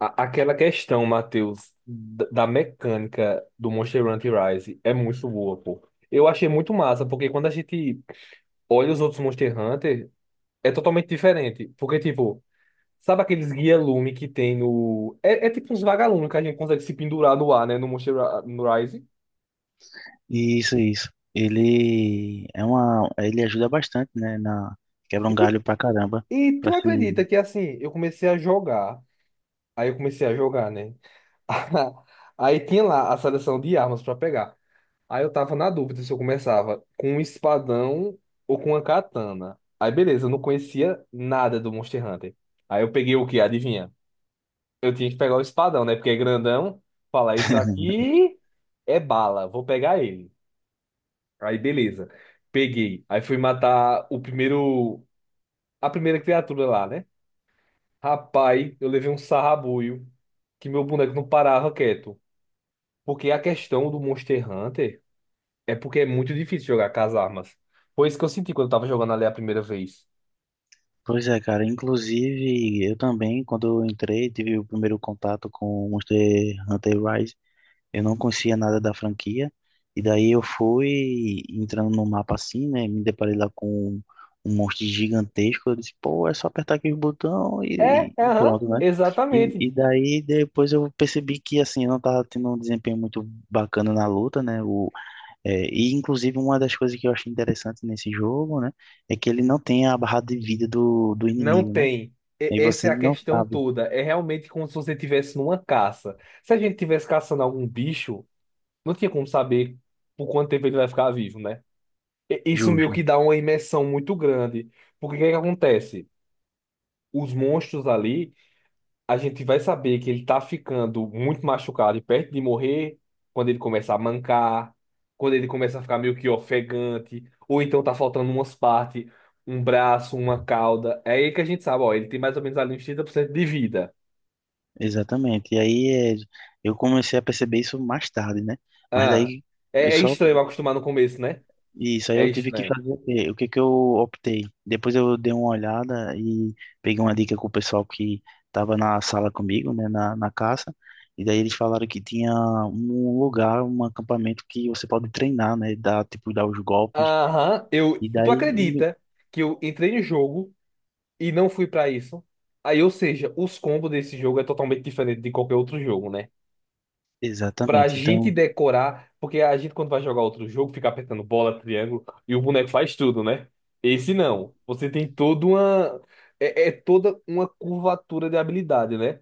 Aquela questão, Matheus, da mecânica do Monster Hunter Rise é muito boa, pô. Eu achei muito massa, porque quando a gente olha os outros Monster Hunter, é totalmente diferente. Porque, tipo, sabe aqueles guia-lume que tem no. É tipo uns vagalumes que a gente consegue se pendurar no ar, né, no no Rise. Isso, isso. Ele ajuda bastante, né, na quebra um E, galho pra caramba, e pra tu se. acredita que, assim, eu comecei a jogar. Aí eu comecei a jogar, né? Aí tinha lá a seleção de armas pra pegar. Aí eu tava na dúvida se eu começava com um espadão ou com uma katana. Aí beleza, eu não conhecia nada do Monster Hunter. Aí eu peguei o quê? Adivinha? Eu tinha que pegar o espadão, né? Porque é grandão. Falar, isso aqui é bala, vou pegar ele. Aí beleza, peguei. Aí fui matar a primeira criatura lá, né? Rapaz, eu levei um sarrabulho que meu boneco não parava quieto. Porque a questão do Monster Hunter. É porque é muito difícil jogar com as armas. Foi isso que eu senti quando eu tava jogando ali a primeira vez. Pois é, cara. Inclusive, eu também, quando eu entrei, tive o primeiro contato com o Monster Hunter Rise. Eu não conhecia nada da franquia. E daí eu fui entrando no mapa assim, né? Me deparei lá com um monstro gigantesco. Eu disse, pô, é só apertar aqui o botão É, e aham, pronto, né? E, exatamente. e daí depois eu percebi que assim, eu não tava tendo um desempenho muito bacana na luta, né? E inclusive uma das coisas que eu achei interessante nesse jogo, né? É que ele não tem a barra de vida do Não inimigo, né? tem. E Essa é você a não questão sabe. toda. É realmente como se você estivesse numa caça. Se a gente estivesse caçando algum bicho, não tinha como saber por quanto tempo ele vai ficar vivo, né? Isso meio Justo. que dá uma imersão muito grande. Porque o que é que acontece? Os monstros ali, a gente vai saber que ele tá ficando muito machucado e perto de morrer quando ele começa a mancar, quando ele começa a ficar meio que ofegante, ou então tá faltando umas partes, um braço, uma cauda. É aí que a gente sabe, ó, ele tem mais ou menos ali uns 30% de vida. Exatamente. Eu comecei a perceber isso mais tarde, né? Mas Ah, daí eu é, é só estranho acostumar no começo, né? isso aí É eu tive que estranho. fazer o quê? O que que eu optei? Depois eu dei uma olhada e peguei uma dica com o pessoal que estava na sala comigo, né, na caça. E daí eles falaram que tinha um lugar, um acampamento que você pode treinar, né, dar os golpes. Aham, E tu daí acredita que eu entrei no jogo e não fui pra isso? Aí, ou seja, os combos desse jogo é totalmente diferente de qualquer outro jogo, né? Pra exatamente. gente Então decorar, porque a gente quando vai jogar outro jogo fica apertando bola, triângulo e o boneco faz tudo, né? Esse não. Você tem toda uma é toda uma curvatura de habilidade, né?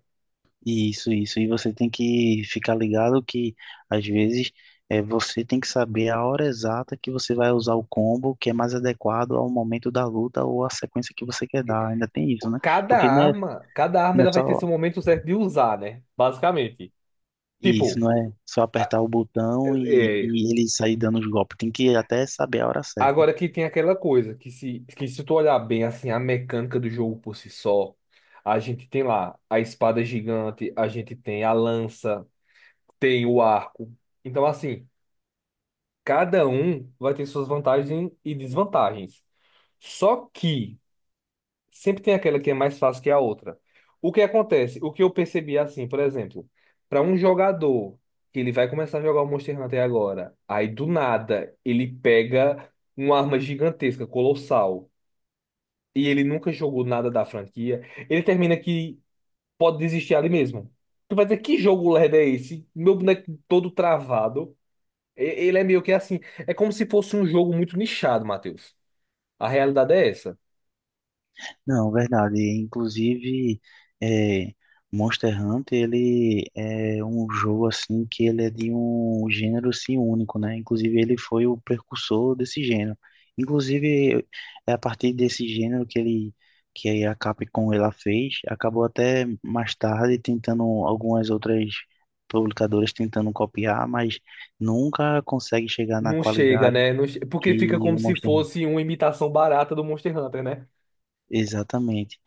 isso, isso. E você tem que ficar ligado que às vezes você tem que saber a hora exata que você vai usar o combo que é mais adequado ao momento da luta ou à sequência que você quer dar. Ainda tem isso, né? Cada Porque não é, arma, cada arma não é ela vai ter só seu momento certo de usar, né? Basicamente. isso, Tipo, não é só a- apertar o botão é, e ele sair dando os golpes. Tem que até saber a hora certa. agora que tem aquela coisa que se tu olhar bem assim a mecânica do jogo por si só, a gente tem lá a espada gigante, a gente tem a lança, tem o arco. Então, assim, cada um vai ter suas vantagens e desvantagens. Só que sempre tem aquela que é mais fácil que a outra. O que acontece? O que eu percebi é assim, por exemplo, para um jogador que ele vai começar a jogar o Monster Hunter agora, aí do nada ele pega uma arma gigantesca, colossal, e ele nunca jogou nada da franquia, ele termina que pode desistir ali mesmo. Tu vai dizer, que jogo lerdo é esse? Meu boneco todo travado. Ele é meio que assim. É como se fosse um jogo muito nichado, Matheus. A realidade é essa. Não, verdade. Inclusive, é, Monster Hunter, ele é um jogo assim que ele é de um gênero assim único, né? Inclusive, ele foi o precursor desse gênero. Inclusive, é a partir desse gênero que ele que a Capcom ela fez, acabou até mais tarde tentando algumas outras publicadoras tentando copiar, mas nunca consegue chegar na Não chega, qualidade né? Não che- Porque fica que como o se Monster Hunter. fosse uma imitação barata do Monster Hunter, né? Exatamente.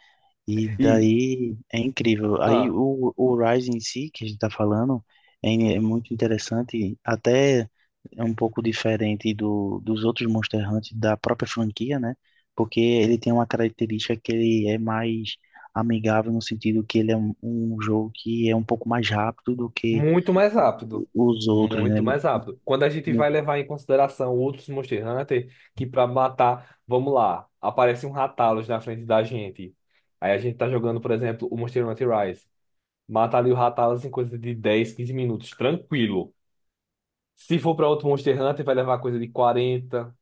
E E, daí é incrível. Aí ah, o Rise em si, que a gente tá falando, é muito interessante, até é um pouco diferente dos outros Monster Hunter da própria franquia, né? Porque ele tem uma característica que ele é mais amigável no sentido que ele é um jogo que é um pouco mais rápido do que muito mais rápido. os outros, né? Muito mais rápido. Quando a gente no- vai levar em consideração outros Monster Hunter, que pra matar, vamos lá, aparece um Rathalos na frente da gente. Aí a gente tá jogando, por exemplo, o Monster Hunter Rise. Mata ali o Rathalos em coisa de 10, 15 minutos, tranquilo. Se for pra outro Monster Hunter, vai levar coisa de quarenta,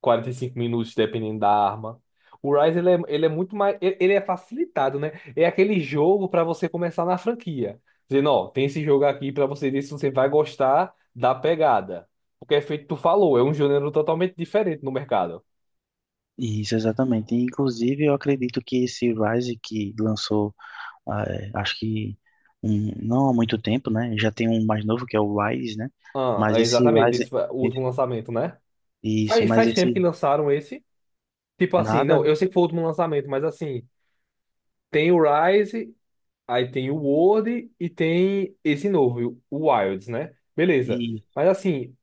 quarenta e cinco minutos, dependendo da arma. O Rise, ele é muito mais. Ele é facilitado, né? É aquele jogo pra você começar na franquia. Dizendo, ó, tem esse jogo aqui pra você ver se você vai gostar da pegada. Porque é feito, tu falou, é um gênero totalmente diferente no mercado. Isso, exatamente. Inclusive, eu acredito que esse Rise que lançou. Ah, é, acho que não há muito tempo, né? Já tem um mais novo que é o Rise, né? Ah, Mas é esse exatamente, Rise, esse foi o esse- último lançamento, né? isso, Faz, mas faz tempo que esse lançaram esse. Tipo assim, não, nada eu sei que foi o último lançamento, mas assim, tem o Rise. Aí tem o Word e tem esse novo, o Wilds, né? Beleza. e Mas assim,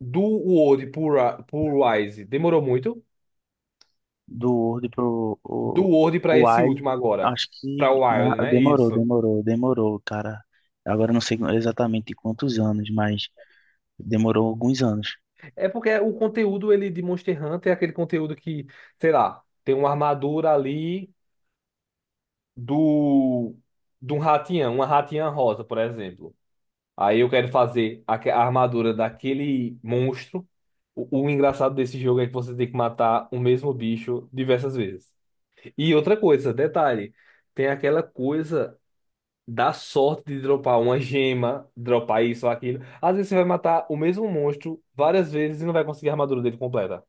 do Word pro Wise demorou muito. do Word pro Do Word o para esse Wise, último agora, acho para que o Wild, né? demorou, Isso. demorou, demorou, cara. Agora eu não sei exatamente quantos anos, mas demorou alguns anos. É porque o conteúdo ele de Monster Hunter é aquele conteúdo que, sei lá, tem uma armadura ali do de um ratiã, uma ratinha rosa, por exemplo. Aí eu quero fazer a armadura daquele monstro. O engraçado desse jogo é que você tem que matar o mesmo bicho diversas vezes. E outra coisa, detalhe, tem aquela coisa da sorte de dropar uma gema, dropar isso ou aquilo. Às vezes você vai matar o mesmo monstro várias vezes e não vai conseguir a armadura dele completa.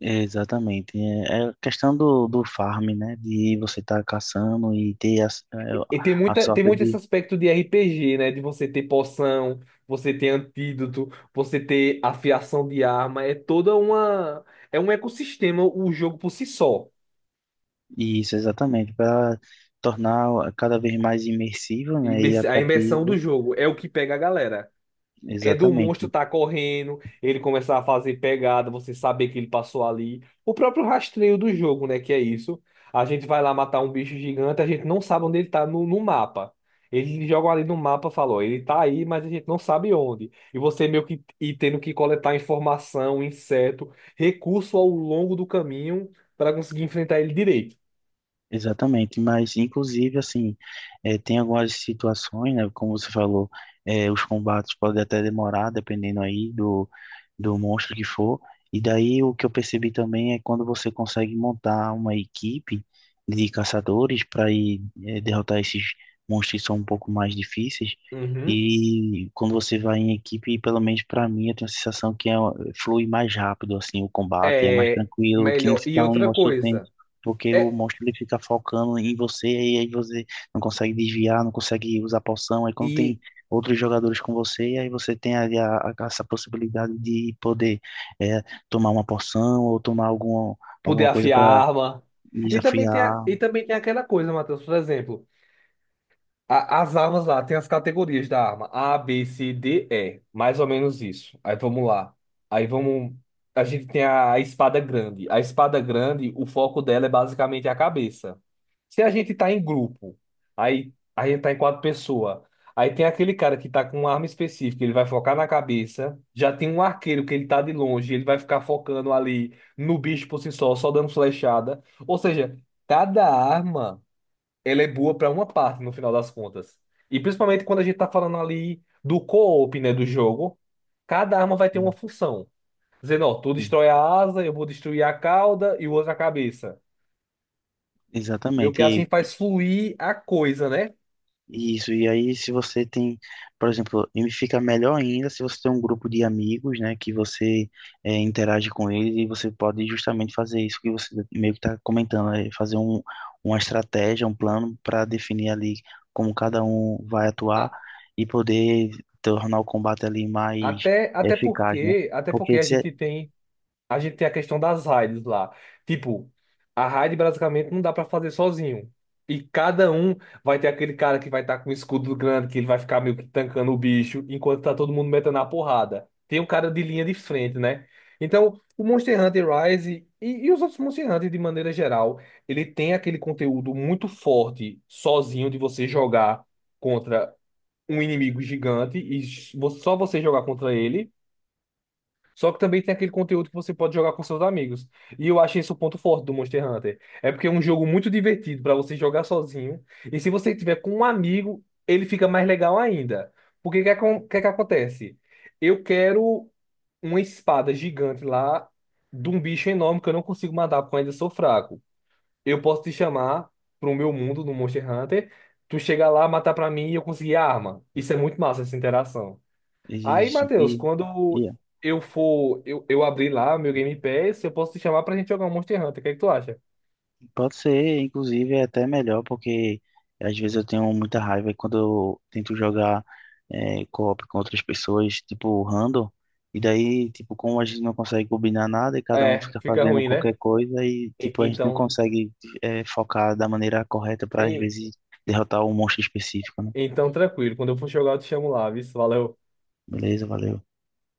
É, exatamente. É questão do farm, né? De você estar caçando e ter a Tem sorte. muito esse aspecto de RPG, né? De você ter poção, você ter antídoto, você ter afiação de arma. É toda uma. É um ecossistema o jogo por si só. Isso, exatamente, para tornar cada vez mais imersivo, né, e A imersão do atrativo, jogo é o que pega a galera. É do monstro exatamente. tá correndo, ele começar a fazer pegada, você saber que ele passou ali. O próprio rastreio do jogo, né? Que é isso. A gente vai lá matar um bicho gigante, a gente não sabe onde ele tá no mapa. Eles jogam ali no mapa, falou, ele tá aí, mas a gente não sabe onde. E você meio que e tendo que coletar informação, inseto, recurso ao longo do caminho para conseguir enfrentar ele direito. Exatamente, mas inclusive assim, tem algumas situações, né, como você falou, os combates podem até demorar, dependendo aí do monstro que for, e daí o que eu percebi também é quando você consegue montar uma equipe de caçadores para ir derrotar esses monstros que são um pouco mais difíceis, Uhum. e quando você vai em equipe, pelo menos para mim, eu tenho a sensação que flui mais rápido assim o combate, é mais É tranquilo, que não melhor. E fica um outra negócio coisa. porque o É, monstro ele fica focando em você e aí você não consegue desviar, não consegue usar poção. Aí quando e tem outros jogadores com você, aí você tem ali essa possibilidade de poder é, tomar uma poção ou tomar poder alguma coisa afiar a para arma. E também tem, desafiar. e também tem aquela coisa, Matheus, por exemplo. As armas lá, tem as categorias da arma. A, B, C, D, E. Mais ou menos isso. Aí vamos lá. Aí vamos. A gente tem a espada grande. A espada grande, o foco dela é basicamente a cabeça. Se a gente tá em grupo, aí a gente tá em 4 pessoas. Aí tem aquele cara que tá com uma arma específica, ele vai focar na cabeça. Já tem um arqueiro que ele tá de longe, ele vai ficar focando ali no bicho por si só, só dando flechada. Ou seja, cada arma ela é boa para uma parte no final das contas. E principalmente quando a gente tá falando ali do co-op, né, do jogo, cada arma vai ter uma função. Dizendo, ó, tu destrói a asa, eu vou destruir a cauda e o outro a cabeça. Meio que assim Exatamente. faz fluir a coisa, né? Isso, e aí se você tem, por exemplo, e fica melhor ainda se você tem um grupo de amigos, né, que você interage com eles e você pode justamente fazer isso que você meio que está comentando, é fazer uma estratégia, um plano para definir ali como cada um vai atuar A- e poder tornar o combate ali mais Até, eficaz, né? Até porque Porque se é, a gente tem a questão das raids lá. Tipo, a raid basicamente não dá pra fazer sozinho. E cada um vai ter aquele cara que vai estar com o escudo grande, que ele vai ficar meio que tancando o bicho, enquanto tá todo mundo metendo a porrada. Tem um cara de linha de frente, né? Então, o Monster Hunter Rise e os outros Monster Hunter, de maneira geral, ele tem aquele conteúdo muito forte sozinho de você jogar contra um inimigo gigante e só você jogar contra ele. Só que também tem aquele conteúdo que você pode jogar com seus amigos. E eu acho isso o ponto forte do Monster Hunter. É porque é um jogo muito divertido para você jogar sozinho. E se você tiver com um amigo, ele fica mais legal ainda. Porque o que, que acontece? Eu quero uma espada gigante lá de um bicho enorme que eu não consigo matar porque eu ainda sou fraco. Eu posso te chamar pro meu mundo no Monster Hunter. Tu chegar lá, matar pra mim e eu conseguir a arma. Isso é muito massa, essa interação. Aí, isso, Matheus, quando e é. eu for, eu abrir lá meu Game Pass, eu posso te chamar pra gente jogar um Monster Hunter. O que é que tu acha? Pode ser, inclusive, é até melhor, porque às vezes eu tenho muita raiva quando eu tento jogar co-op com outras pessoas, tipo random, e daí, tipo, como a gente não consegue combinar nada e cada um É, fica fica fazendo ruim, né? qualquer coisa e, E- tipo, a gente não então, consegue focar da maneira correta para, às e- vezes, derrotar um monstro específico, né? então tranquilo. Quando eu for jogar, eu te chamo lá, viu? Valeu. Beleza, valeu.